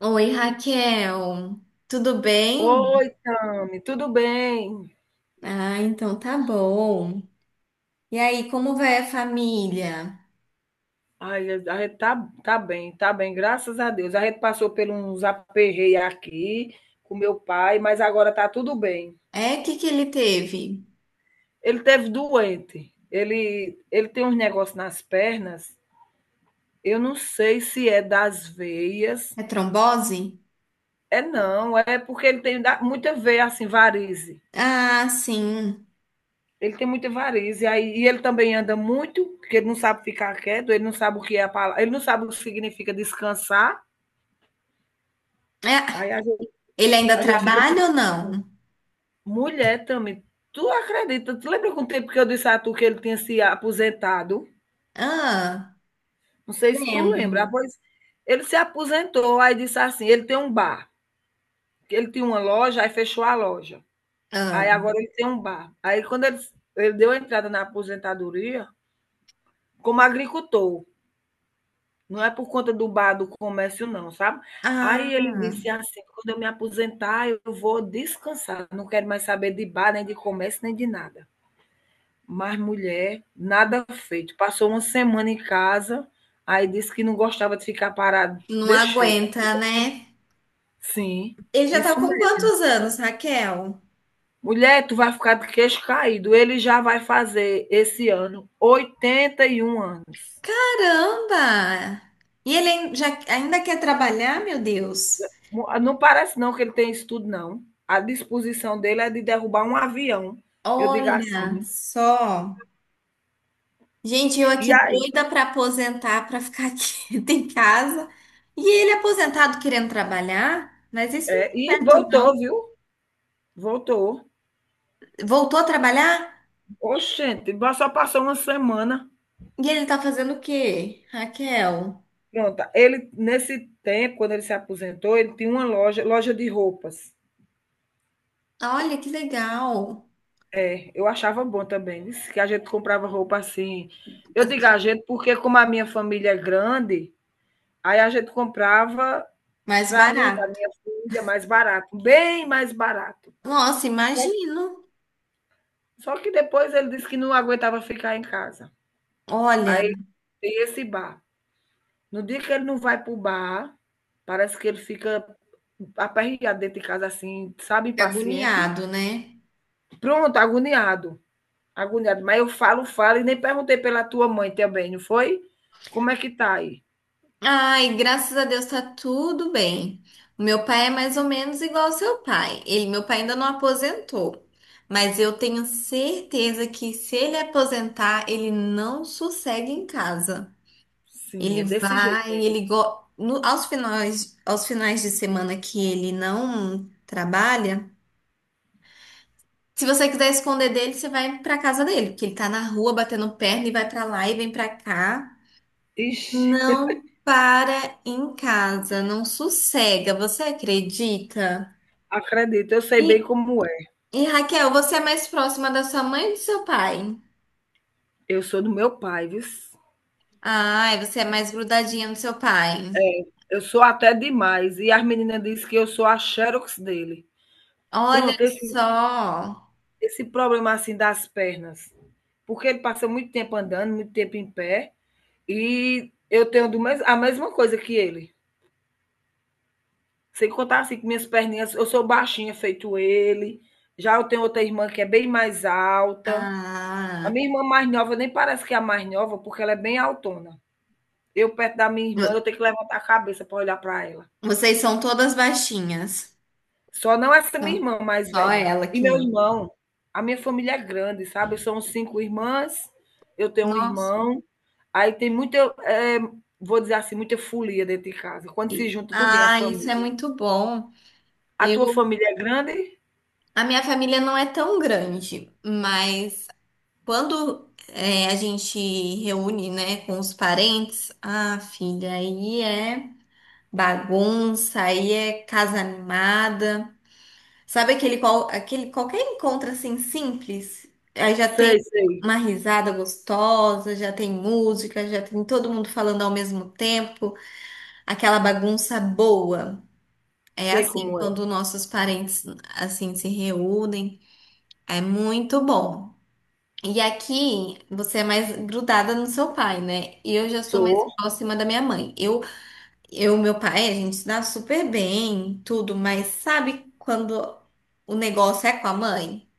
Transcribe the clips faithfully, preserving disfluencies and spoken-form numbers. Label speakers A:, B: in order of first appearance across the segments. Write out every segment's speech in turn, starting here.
A: Oi, Raquel, tudo bem?
B: Oi, Tami, tudo bem?
A: Ah, então tá bom. E aí, como vai a família?
B: Ai, a gente tá, tá bem, tá bem, graças a Deus. A gente passou por uns aperreios aqui com meu pai, mas agora tá tudo bem.
A: É, o que que ele teve?
B: Ele teve doente, ele, ele tem uns negócios nas pernas, eu não sei se é das veias,
A: É trombose?
B: é não, é porque ele tem da- muita veia, assim, varize.
A: Ah, sim.
B: Ele tem muita varize, aí, e ele também anda muito, porque ele não sabe ficar quieto, ele não sabe o que é a palavra, ele não sabe o que significa descansar.
A: É,
B: Aí
A: ele ainda
B: a gente fica, tipo,
A: trabalha ou não?
B: mulher também, tu acredita? Tu lembra com o tempo que eu disse a tu que ele tinha se aposentado?
A: Ah,
B: Não sei se tu lembra. Ah,
A: lembro.
B: pois ele se aposentou, aí disse assim, ele tem um bar, que ele tinha uma loja, aí fechou a loja.
A: Ah,
B: Aí agora ele tem um bar. Aí quando ele, ele deu a entrada na aposentadoria, como agricultor, não é por conta do bar, do comércio não, sabe?
A: ah,
B: Aí ele disse assim, quando eu me aposentar, eu vou descansar, não quero mais saber de bar, nem de comércio, nem de nada. Mas, mulher, nada feito. Passou uma semana em casa, aí disse que não gostava de ficar parado.
A: não
B: Deixei.
A: aguenta, né?
B: Sim,
A: Ele já tá
B: isso
A: com
B: mesmo.
A: quantos anos, Raquel?
B: Mulher, tu vai ficar de queixo caído. Ele já vai fazer esse ano oitenta e um anos.
A: Caramba! E ele ain- já, ainda quer trabalhar, meu Deus?
B: Mu- ah, Não parece não que ele tem isso tudo, não. A disposição dele é de derrubar um avião. Eu digo
A: Olha
B: assim.
A: só. Gente, eu
B: E
A: aqui
B: aí?
A: doida pra aposentar, pra ficar aqui em casa. E ele aposentado querendo trabalhar, mas isso não
B: É,
A: é
B: e
A: certo,
B: voltou,
A: não.
B: viu? Voltou.
A: Voltou a trabalhar?
B: Oxente, só passou uma semana.
A: E ele tá fazendo o quê, Raquel?
B: Pronto, ele nesse tempo, quando ele se aposentou, ele tinha uma loja, loja de roupas.
A: Olha que legal.
B: É, eu achava bom também, disse que a gente comprava roupa assim. Eu digo a gente porque como a minha família é grande, aí a gente comprava
A: Mais
B: para mim,
A: barato.
B: para minha filha, mais barato, bem mais barato.
A: Nossa,
B: Só,
A: imagino.
B: só que depois ele disse que não aguentava ficar em casa.
A: Olha,
B: Aí tem esse bar. No dia que ele não vai para o bar, parece que ele fica aperreado dentro de casa assim, sabe,
A: que
B: impaciente.
A: agoniado, né?
B: Pronto, agoniado. Agoniado. Mas eu falo, falo, e nem perguntei pela tua mãe também, não foi? Como é que tá aí?
A: Ai, graças a Deus tá tudo bem. O meu pai é mais ou menos igual ao seu pai. Ele, meu pai ainda não aposentou, mas eu tenho certeza que se ele aposentar, ele não sossega em casa.
B: Sim,
A: Ele
B: é desse jeito
A: vai,
B: mesmo.
A: ele go... no- Aos finais, aos finais de semana que ele não trabalha, se você quiser esconder dele, você vai pra casa dele, porque ele tá na rua batendo perna e vai pra lá e vem pra cá.
B: Ixi,
A: Não para em casa, não sossega, você acredita?
B: acredito, eu sei bem
A: E,
B: como é.
A: e Raquel, você é mais próxima da sua mãe ou do seu pai?
B: Eu sou do meu pai, viu?
A: Ai, você é mais grudadinha do seu pai.
B: Eu sou até demais. E as meninas dizem que eu sou a Xerox dele. Pronto,
A: Olha
B: esse,
A: só.
B: esse problema assim das pernas. Porque ele passa muito tempo andando, muito tempo em pé. E eu tenho do mes- a mesma coisa que ele. Sem contar assim que minhas perninhas, eu sou baixinha feito ele. Já eu tenho outra irmã que é bem mais alta. A
A: Ah,
B: minha irmã mais nova nem parece que é a mais nova, porque ela é bem altona. Eu perto da minha irmã, eu
A: vo-
B: tenho que levantar a cabeça para olhar para ela.
A: Vocês são todas baixinhas.
B: Só não essa minha
A: Então,
B: irmã mais
A: só
B: velha.
A: ela
B: E
A: que
B: meu
A: não.
B: irmão, a minha família é grande, sabe? São cinco irmãs, eu tenho um
A: Nossa.
B: irmão. Aí tem muita, eh, vou dizer assim, muita folia dentro de casa. Quando se
A: E-
B: junta tudo em a
A: Ah, isso é
B: família.
A: muito bom.
B: A tua
A: Eu,
B: família é grande?
A: a minha família não é tão grande, mas quando é, a gente reúne, né, com os parentes, ah, filha, aí é bagunça, aí é casa animada. Sabe aquele, qual, aquele qualquer encontro assim simples? Aí já
B: Sei,
A: tem
B: sei.
A: uma risada gostosa, já tem música, já tem todo mundo falando ao mesmo tempo, aquela bagunça boa. É
B: Sei
A: assim,
B: como é.
A: quando nossos parentes assim se reúnem, é muito bom. E aqui você é mais grudada no seu pai, né? E eu já sou mais
B: Sou,
A: próxima da minha mãe. Eu, eu, meu pai, a gente se dá super bem, tudo, mas sabe quando o negócio é com a mãe?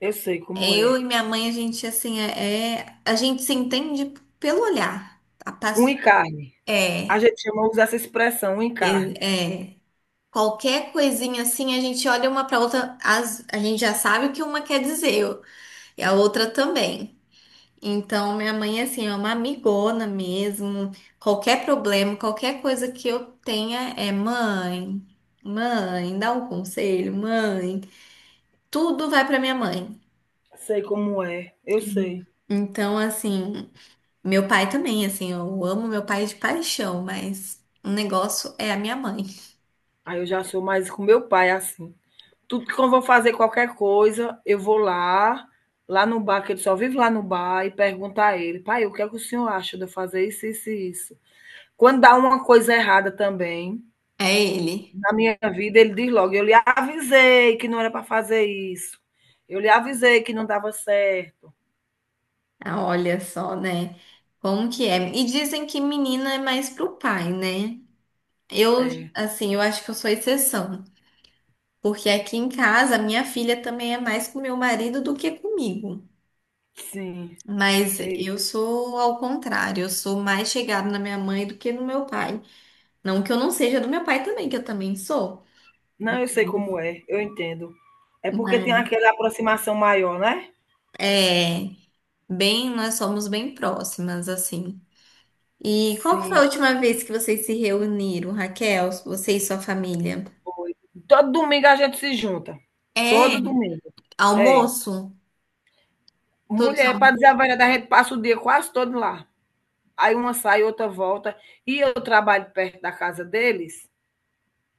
B: eu sei
A: É.
B: como
A: Eu
B: é.
A: e minha mãe, a gente assim é, é- a gente se entende pelo olhar. A
B: Um
A: pass-
B: encarne. A
A: é,
B: gente chama, usa essa expressão, um
A: é,
B: encarne.
A: é. Qualquer coisinha assim, a gente olha uma pra outra, as- a gente já sabe o que uma quer dizer, e a outra também. Então, minha mãe, assim, é uma amigona mesmo. Qualquer problema, qualquer coisa que eu tenha é mãe, mãe, dá um conselho, mãe. Tudo vai pra minha mãe.
B: Sei como é, eu sei.
A: Então, assim, meu pai também, assim, eu amo meu pai de paixão, mas o negócio é a minha mãe.
B: Aí eu já sou mais com meu pai assim. Tudo que eu vou fazer qualquer coisa, eu vou lá, lá no bar, que ele só vive lá no bar, e pergunto a ele: pai, o que é que o senhor acha de eu fazer isso, isso e isso? Quando dá uma coisa errada também,
A: É ele.
B: na minha vida, ele diz logo: eu lhe avisei que não era para fazer isso, eu lhe avisei que não dava certo.
A: Ah, olha só, né? Como que é? E dizem que menina é mais pro pai, né? Eu,
B: É.
A: assim, eu acho que eu sou exceção. Porque aqui em casa, a minha filha também é mais com meu marido do que comigo.
B: Sim.
A: Mas
B: Eita.
A: eu sou ao contrário, eu sou mais chegada na minha mãe do que no meu pai. Não que eu não seja do meu pai também, que eu também sou.
B: Não, eu sei como é, eu entendo. É porque
A: Mas
B: tem aquela aproximação maior, né?
A: é bem, nós somos bem próximas, assim. E qual que foi a
B: Sim,
A: última vez que vocês se reuniram, Raquel? Você e sua família?
B: foi. Todo domingo a gente se junta.
A: É,
B: Todo domingo. É.
A: almoço? Todos
B: Mulher, para
A: al-
B: dizer a verdade, a gente passa o dia quase todo lá. Aí uma sai, outra volta. E eu trabalho perto da casa deles.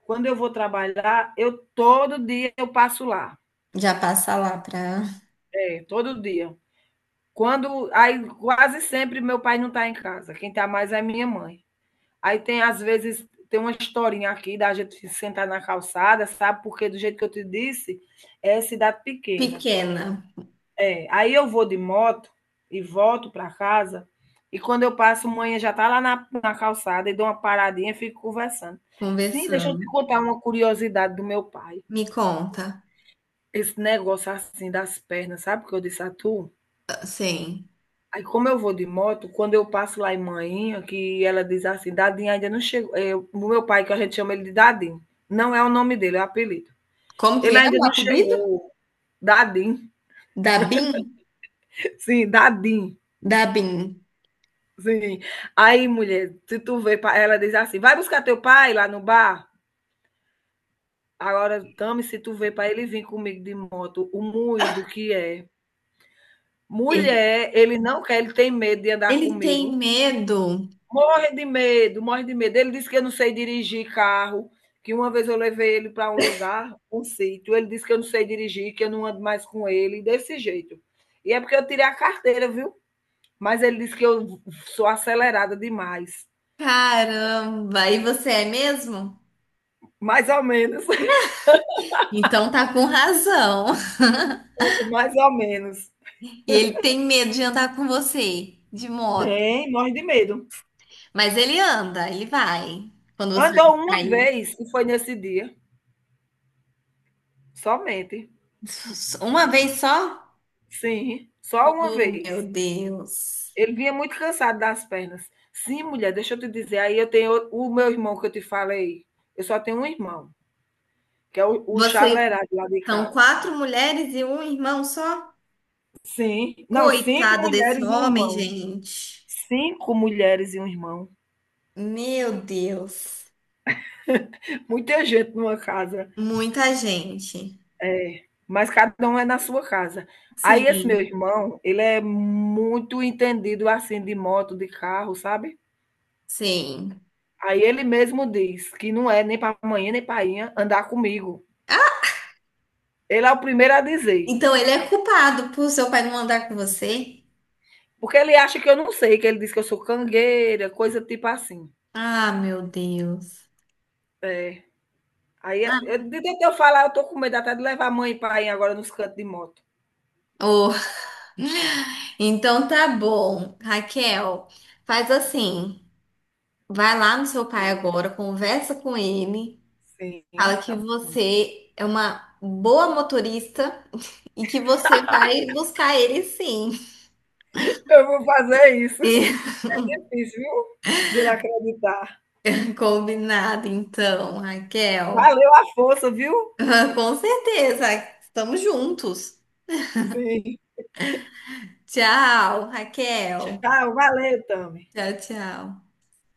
B: Quando eu vou trabalhar, eu todo dia eu passo lá.
A: Já passa lá pra
B: É, todo dia. Quando, aí quase sempre meu pai não está em casa. Quem está mais é minha mãe. Aí tem, às vezes, tem uma historinha aqui da gente sentar na calçada, sabe? Porque do jeito que eu te disse, é cidade pequena.
A: pequena
B: É, aí eu vou de moto e volto para casa, e quando eu passo, manhã já tá lá na, na calçada e dou uma paradinha e fico conversando. Sim, deixa eu te
A: conversando.
B: contar uma curiosidade do meu pai.
A: Me conta.
B: Esse negócio assim das pernas, sabe o que eu disse a tu?
A: Sim.
B: Aí, como eu vou de moto, quando eu passo lá em Manhinha, que ela diz assim, Dadinho ainda não chegou. É, o meu pai, que a gente chama ele de Dadinho, não é o nome dele, é o apelido.
A: Como que
B: Ele
A: é
B: ainda
A: o
B: não
A: apelido?
B: chegou. Dadinho,
A: Dabin?
B: sim, Dadinho,
A: Dabin.
B: sim. Aí, mulher, se tu vê, pra- ela diz assim, vai buscar teu pai lá no bar? Agora, Tami, se tu vê para ele vir comigo de moto, o moído que é.
A: Ele,
B: Mulher, ele não quer, ele tem medo de andar
A: Ele tem
B: comigo.
A: medo.
B: Morre de medo, morre de medo. Ele disse que eu não sei dirigir carro, que uma vez eu levei ele para um lugar, um sítio. Ele disse que eu não sei dirigir, que eu não ando mais com ele, desse jeito. E é porque eu tirei a carteira, viu? Mas ele disse que eu sou acelerada demais.
A: Caramba, e você é mesmo?
B: Mais ou menos,
A: Então tá com razão.
B: mais ou menos.
A: E ele tem medo de andar com você de moto.
B: Tem, morre de medo.
A: Mas ele anda, ele vai. Quando você vai
B: Andou uma
A: buscar ele.
B: vez e foi nesse dia, somente.
A: Uma vez só?
B: Sim, só uma
A: Oh, meu
B: vez.
A: Deus.
B: Ele vinha muito cansado das pernas. Sim, mulher, deixa eu te dizer. Aí eu tenho o- meu irmão que eu te falei. Eu só tenho um irmão, que é o, o
A: Vocês
B: chalerado lá de
A: são
B: casa.
A: quatro mulheres e um irmão só?
B: Sim. Não, cinco
A: Coitado desse
B: mulheres e um
A: homem,
B: irmão.
A: gente.
B: Cinco mulheres e um irmão.
A: Meu Deus.
B: Muita gente numa casa.
A: Muita gente.
B: É, mas cada um é na sua casa. Aí esse meu
A: Sim,
B: irmão, ele é muito entendido assim de moto, de carro, sabe?
A: sim.
B: Aí ele mesmo diz que não é nem para amanhã nem para andar comigo. Ele é o primeiro a dizer.
A: Então ele é culpado por seu pai não andar com você?
B: Porque ele acha que eu não sei, que ele diz que eu sou cangueira, coisa tipo assim.
A: Ah, meu Deus.
B: É. Aí, eu, de tanto eu falar, eu tô com medo até de levar a mãe e pai agora nos cantos de moto.
A: Oh, então tá bom, Raquel. Faz assim, vai lá no seu pai agora, conversa com ele, fala
B: Sim,
A: que
B: tá bom.
A: você é uma boa motorista e que você vai buscar ele sim.
B: Eu vou fazer isso. Isso, viu? De ele acreditar.
A: E- Combinado, então, Raquel.
B: Valeu a força, viu?
A: Com certeza, estamos juntos.
B: Sim.
A: Tchau, Raquel.
B: Tchau, valeu, Tami.
A: Tchau, tchau.